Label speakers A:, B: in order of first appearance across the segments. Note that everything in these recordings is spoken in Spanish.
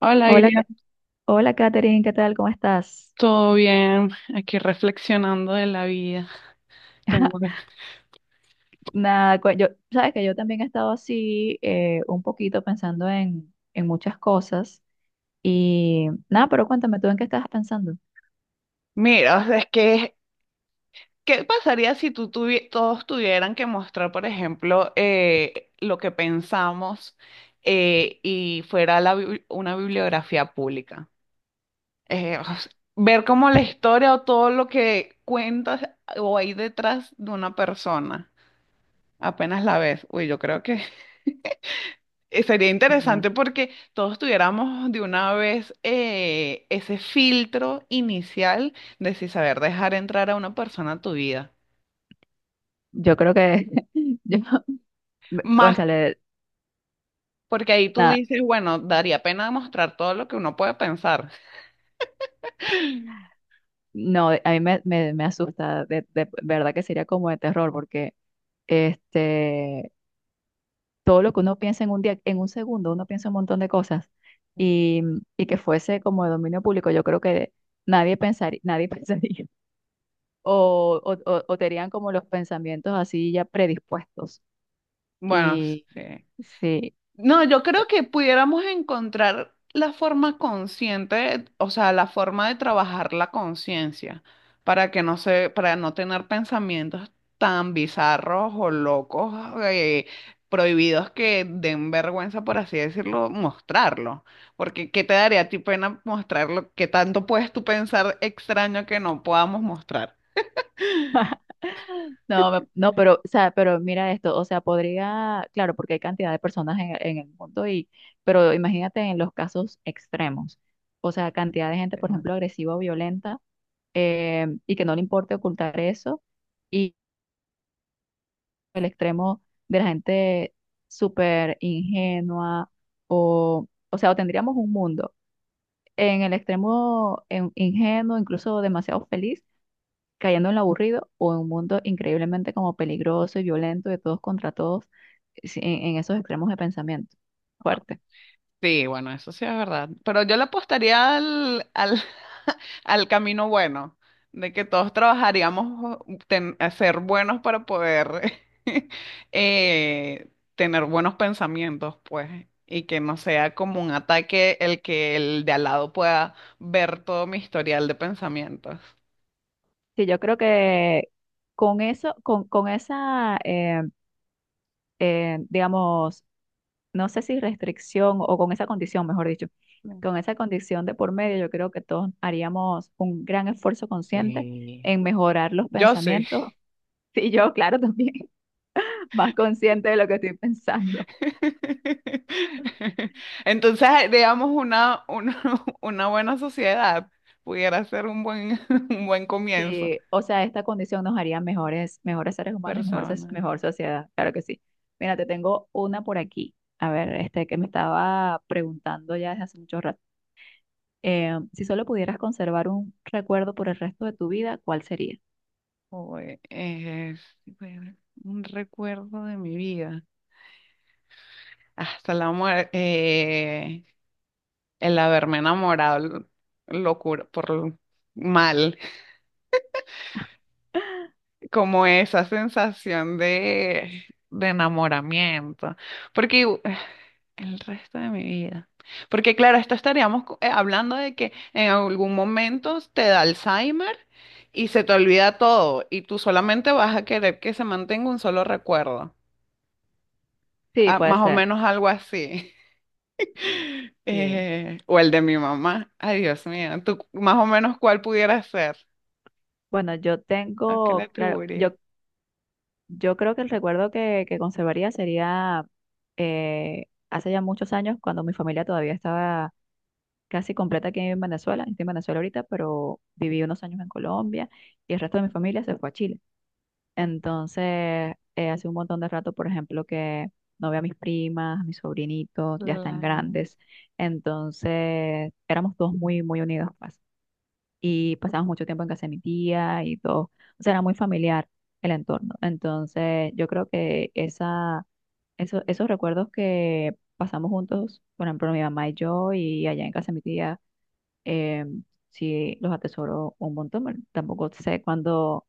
A: Hola,
B: Hola,
A: Iria,
B: Hola Katherine, ¿qué tal? ¿Cómo estás?
A: ¿todo bien? Aquí reflexionando de la vida. Tengo...
B: Nada, yo, sabes que yo también he estado así un poquito pensando en muchas cosas y nada, pero cuéntame tú en qué estabas pensando.
A: Mira, o sea, es que, ¿qué pasaría si todos tuvieran que mostrar, por ejemplo, lo que pensamos y fuera la una bibliografía pública? O sea, ver como la historia o todo lo que cuentas o hay detrás de una persona, apenas la ves. Uy, yo creo que sería
B: Nada,
A: interesante porque todos tuviéramos de una vez ese filtro inicial de si saber dejar entrar a una persona a tu vida.
B: yo creo que, yo,
A: Más
B: cónchale,
A: porque ahí tú
B: nada,
A: dices, bueno, daría pena mostrar todo lo que uno puede pensar.
B: no, a mí me asusta, de verdad que sería como de terror porque este, todo lo que uno piensa en un día, en un segundo, uno piensa un montón de cosas y, y que fuese como de dominio público, yo creo que nadie pensaría, nadie pensaría o tenían como los pensamientos así ya predispuestos.
A: Bueno,
B: Y
A: sí.
B: sí,
A: No, yo creo que pudiéramos encontrar la forma consciente, o sea, la forma de trabajar la conciencia para que no se, para no tener pensamientos tan bizarros o locos, eh, prohibidos que den vergüenza, por así decirlo, mostrarlo. Porque ¿qué te daría a ti pena mostrarlo? ¿Qué tanto puedes tú pensar extraño que no podamos mostrar?
B: no, no, pero, o sea, pero mira esto, o sea, podría, claro, porque hay cantidad de personas en el mundo y, pero imagínate en los casos extremos, o sea, cantidad de gente, por ejemplo, agresiva o violenta y que no le importe ocultar eso, el extremo de la gente súper ingenua o sea, o tendríamos un mundo en el extremo ingenuo, incluso demasiado feliz, cayendo en lo aburrido o en un mundo increíblemente como peligroso y violento de todos contra todos. Sí, en esos extremos de pensamiento. Fuerte.
A: Sí, bueno, eso sí es verdad. Pero yo le apostaría al al camino bueno, de que todos trabajaríamos a ser buenos para poder eh, tener buenos pensamientos, pues, y que no sea como un ataque el que el de al lado pueda ver todo mi historial de pensamientos.
B: Sí, yo creo que con eso, con esa, digamos, no sé si restricción o con esa condición, mejor dicho,
A: Mm.
B: con esa condición de por medio, yo creo que todos haríamos un gran esfuerzo consciente
A: Sí,
B: en mejorar los
A: yo sí.
B: pensamientos. Y yo, claro, también más consciente de lo que estoy pensando.
A: Entonces, digamos, una una buena sociedad pudiera ser un buen, un buen comienzo.
B: Sí, o sea, esta condición nos haría mejores, mejores seres humanos y mejor,
A: Persona.
B: mejor sociedad, claro que sí. Mira, te tengo una por aquí. A ver, este que me estaba preguntando ya desde hace mucho rato. Si solo pudieras conservar un recuerdo por el resto de tu vida, ¿cuál sería?
A: O, es, bueno, un recuerdo de mi vida. Hasta la muerte. El haberme locura, mal. Como esa sensación de enamoramiento. Porque. El resto de mi vida. Porque claro, esto estaríamos hablando de que en algún momento te da Alzheimer y se te olvida todo y tú solamente vas a querer que se mantenga un solo recuerdo.
B: Sí,
A: Ah,
B: puede
A: más o
B: ser.
A: menos algo así.
B: Sí.
A: O el de mi mamá. Ay, Dios mío. ¿Tú más o menos cuál pudiera ser?
B: Bueno, yo
A: ¿A qué le
B: tengo, claro,
A: atribuiría?
B: yo creo que el recuerdo que conservaría sería hace ya muchos años, cuando mi familia todavía estaba casi completa aquí en Venezuela. Estoy en Venezuela ahorita, pero viví unos años en Colombia y el resto de mi familia se fue a Chile. Entonces, hace un montón de rato, por ejemplo, que no veo a mis primas, a mis sobrinitos, ya están
A: Claro,
B: grandes. Entonces, éramos todos muy, muy unidos, pues, y pasamos mucho tiempo en casa de mi tía y todo. O sea, era muy familiar el entorno. Entonces, yo creo que esa, esos recuerdos que pasamos juntos, por ejemplo, mi mamá y yo, y allá en casa de mi tía, eh, sí los atesoro un montón. Bueno, tampoco sé cuándo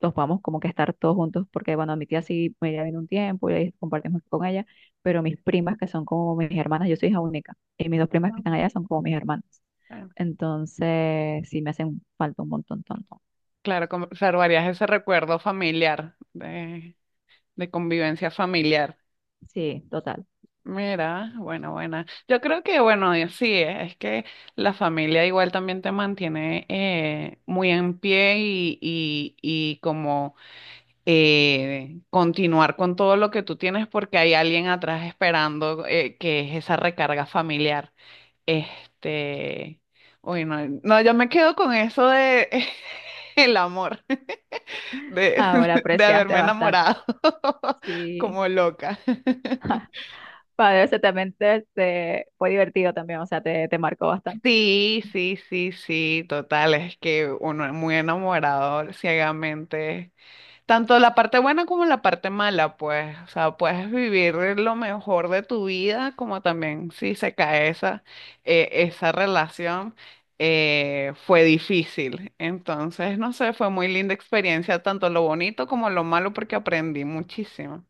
B: los vamos como que estar todos juntos, porque bueno, mi tía sí me viene un tiempo y ahí compartimos con ella, pero mis primas, que son como mis hermanas, yo soy hija única, y mis dos primas que están allá son como mis hermanas.
A: bueno,
B: Entonces, sí, me hacen falta un montón, tonto.
A: claro, conservarías ese recuerdo familiar, de convivencia familiar.
B: Sí, total.
A: Mira, bueno, buena. Yo creo que, bueno, y así es que la familia igual también te mantiene muy en pie y como continuar con todo lo que tú tienes porque hay alguien atrás esperando que es esa recarga familiar. Este, uy, no, no, yo me quedo con eso de el amor, de,
B: Ahora
A: de
B: apreciaste
A: haberme
B: bastante.
A: enamorado
B: Sí.
A: como loca.
B: Padre, ese también fue divertido también, o sea, te marcó bastante.
A: Sí, sí, sí, sí, total, es que uno es muy enamorado ciegamente, tanto la parte buena como la parte mala, pues, o sea, puedes vivir lo mejor de tu vida, como también si se cae esa, esa relación, fue difícil, entonces, no sé, fue muy linda experiencia, tanto lo bonito como lo malo, porque aprendí muchísimo.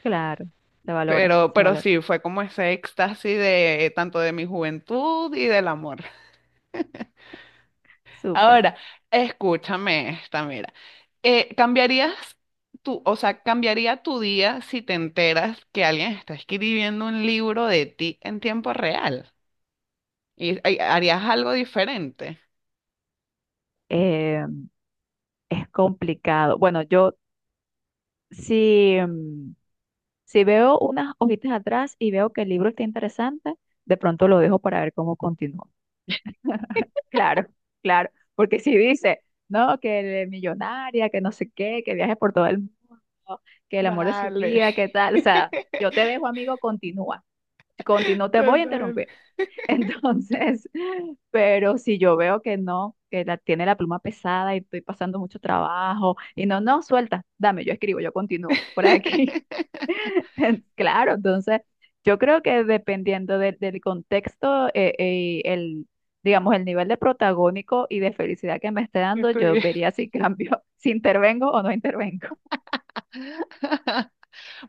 B: Claro, se valora, se
A: Pero
B: valora.
A: sí, fue como ese éxtasis de tanto de mi juventud y del amor.
B: Súper.
A: Ahora, escúchame esta, mira. ¿Cambiarías tu, o sea, cambiaría tu día si te enteras que alguien está escribiendo un libro de ti en tiempo real? Y harías algo diferente?
B: Eh, Es complicado. Bueno, yo si, mm, si veo unas hojitas atrás y veo que el libro está interesante, de pronto lo dejo para ver cómo continúa. Claro, claro. Porque si dice, no, que es millonaria, que no sé qué, que viaje por todo el mundo, que el amor de su
A: Dale,
B: vida, que tal. O sea, yo te dejo, amigo, continúa. Si continúo, te voy a
A: total.
B: interrumpir. Entonces, pero si yo veo que no, que la, tiene la pluma pesada y estoy pasando mucho trabajo, y no, no, suelta, dame, yo escribo, yo continúo por aquí. Claro, entonces, yo creo que dependiendo del contexto, el, digamos, el nivel de protagónico y de felicidad que me esté
A: Yo
B: dando, yo
A: estuviera.
B: vería si cambio, si intervengo o no intervengo.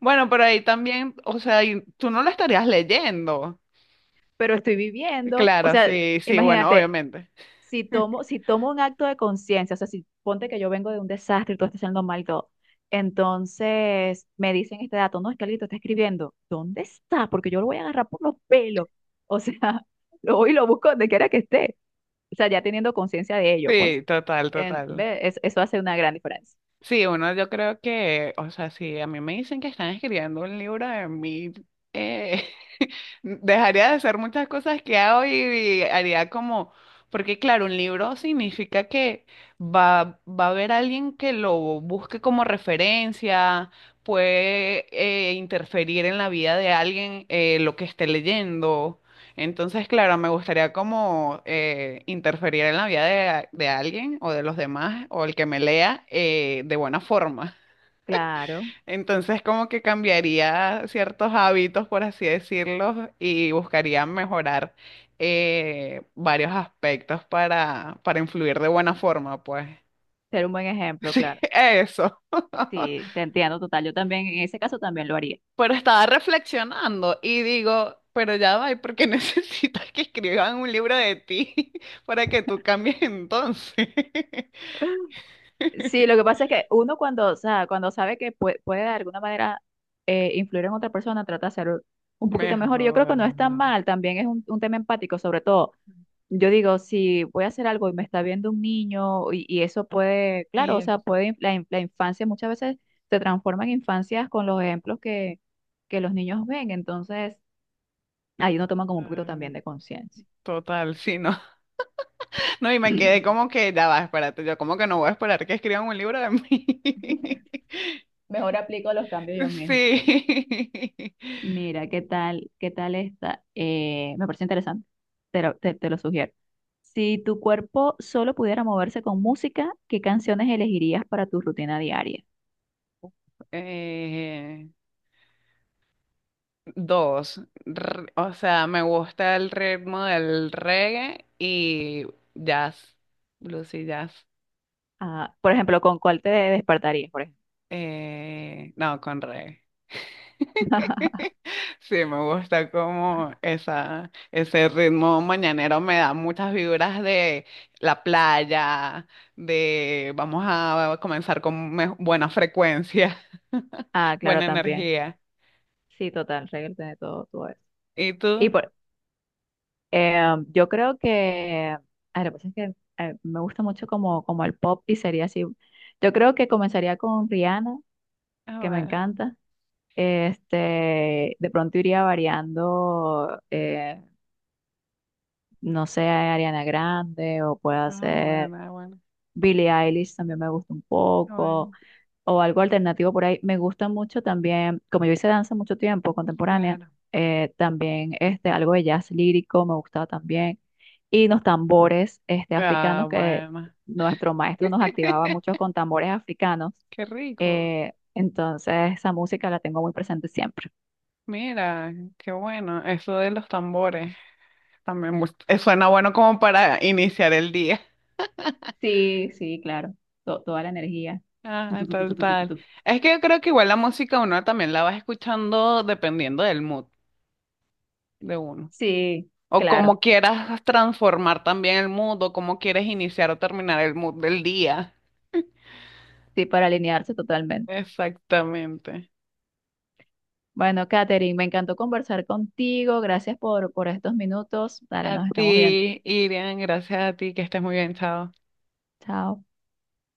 A: Bueno, pero ahí también, o sea, y tú no lo estarías leyendo.
B: Pero estoy viviendo, o
A: Claro,
B: sea,
A: sí, sí, bueno,
B: imagínate,
A: obviamente.
B: si tomo un acto de conciencia, o sea, si ponte que yo vengo de un desastre y todo está siendo mal y todo, entonces me dicen este dato, no, es que alguien te está escribiendo, ¿dónde está? Porque yo lo voy a agarrar por los pelos, o sea, lo voy y lo busco donde quiera que esté, o sea, ya teniendo conciencia de ello, pues,
A: Sí, total,
B: en,
A: total.
B: ve, eso hace una gran diferencia.
A: Sí, bueno, yo creo que, o sea, si a mí me dicen que están escribiendo un libro de mí, dejaría de hacer muchas cosas que hago y haría como, porque claro, un libro significa que va a haber alguien que lo busque como referencia, puede interferir en la vida de alguien lo que esté leyendo. Entonces, claro, me gustaría como interferir en la vida de alguien o de los demás o el que me lea de buena forma.
B: Claro,
A: Entonces, como que cambiaría ciertos hábitos, por así decirlo, y buscaría mejorar varios aspectos para influir de buena forma, pues.
B: ser un buen ejemplo,
A: Sí,
B: claro.
A: eso.
B: Sí, te entiendo total, yo también, en ese caso también lo haría.
A: Pero estaba reflexionando y digo, pero ya va, ¿y por qué necesitas que escriban un libro de ti para que tú cambies entonces?
B: Sí, lo que pasa es que uno cuando, o sea, cuando sabe que puede, de alguna manera influir en otra persona, trata de ser un poquito mejor. Y yo creo que
A: Mejor.
B: no es tan mal, también es un tema empático, sobre todo. Yo digo, si voy a hacer algo y me está viendo un niño y eso puede, claro, o
A: Eso.
B: sea, puede, la, la infancia muchas veces se transforma en infancias con los ejemplos que los niños ven, entonces ahí uno toma como un poquito también de conciencia.
A: Total, sí, no. No, y me quedé como que, ya va, espérate, yo como que no voy a esperar que escriban un libro de mí.
B: Mejor aplico los cambios yo misma.
A: Sí.
B: Mira, ¿qué tal? ¿Qué tal esta? Me parece interesante. Te lo sugiero. Si tu cuerpo solo pudiera moverse con música, ¿qué canciones elegirías para tu rutina diaria?
A: Eh, Dos, o sea, me gusta el ritmo del reggae y jazz, blues y jazz.
B: Ah, por ejemplo, ¿con cuál te despertarías, por ejemplo?
A: No, con reggae. Sí, me gusta como esa, ese ritmo mañanero me da muchas vibras de la playa, de vamos a comenzar con buena frecuencia,
B: Ah, claro,
A: buena
B: también.
A: energía.
B: Sí, total, reírte de todo, todo eso.
A: ¿Y
B: Y
A: tú?
B: por, eh, yo creo que, ah, lo que pasa es que me gusta mucho como, como el pop y sería así. Yo creo que comenzaría con Rihanna,
A: Ah,
B: que me
A: bueno,
B: encanta. Este, de pronto iría variando, no sé, Ariana Grande o puede
A: ah,
B: ser
A: bueno, ah, bueno,
B: Billie Eilish, también me gusta un
A: ah,
B: poco,
A: bueno,
B: o algo alternativo por ahí. Me gusta mucho también, como yo hice danza mucho tiempo, contemporánea,
A: claro.
B: también este, algo de jazz lírico me gustaba también. Y los tambores este, africanos
A: Ah,
B: que
A: bueno.
B: nuestro maestro nos activaba mucho con tambores africanos.
A: Qué rico.
B: Eh, entonces esa música la tengo muy presente siempre.
A: Mira, qué bueno. Eso de los tambores también suena bueno como para iniciar el día.
B: Sí, sí, claro. Toda la energía. Tu,
A: Ah,
B: tu, tu, tu,
A: tal,
B: tu, tu, tu, tu,
A: tal.
B: tu.
A: Es que yo creo que igual la música uno también la vas escuchando dependiendo del mood de uno.
B: Sí,
A: O
B: claro.
A: cómo quieras transformar también el mood, o cómo quieres iniciar o terminar el mood del día.
B: Sí, para alinearse totalmente.
A: Exactamente.
B: Bueno, Katherine, me encantó conversar contigo. Gracias por estos minutos. Dale,
A: A
B: nos estamos viendo.
A: ti, Irian, gracias a ti, que estés muy bien, chao.
B: Chao.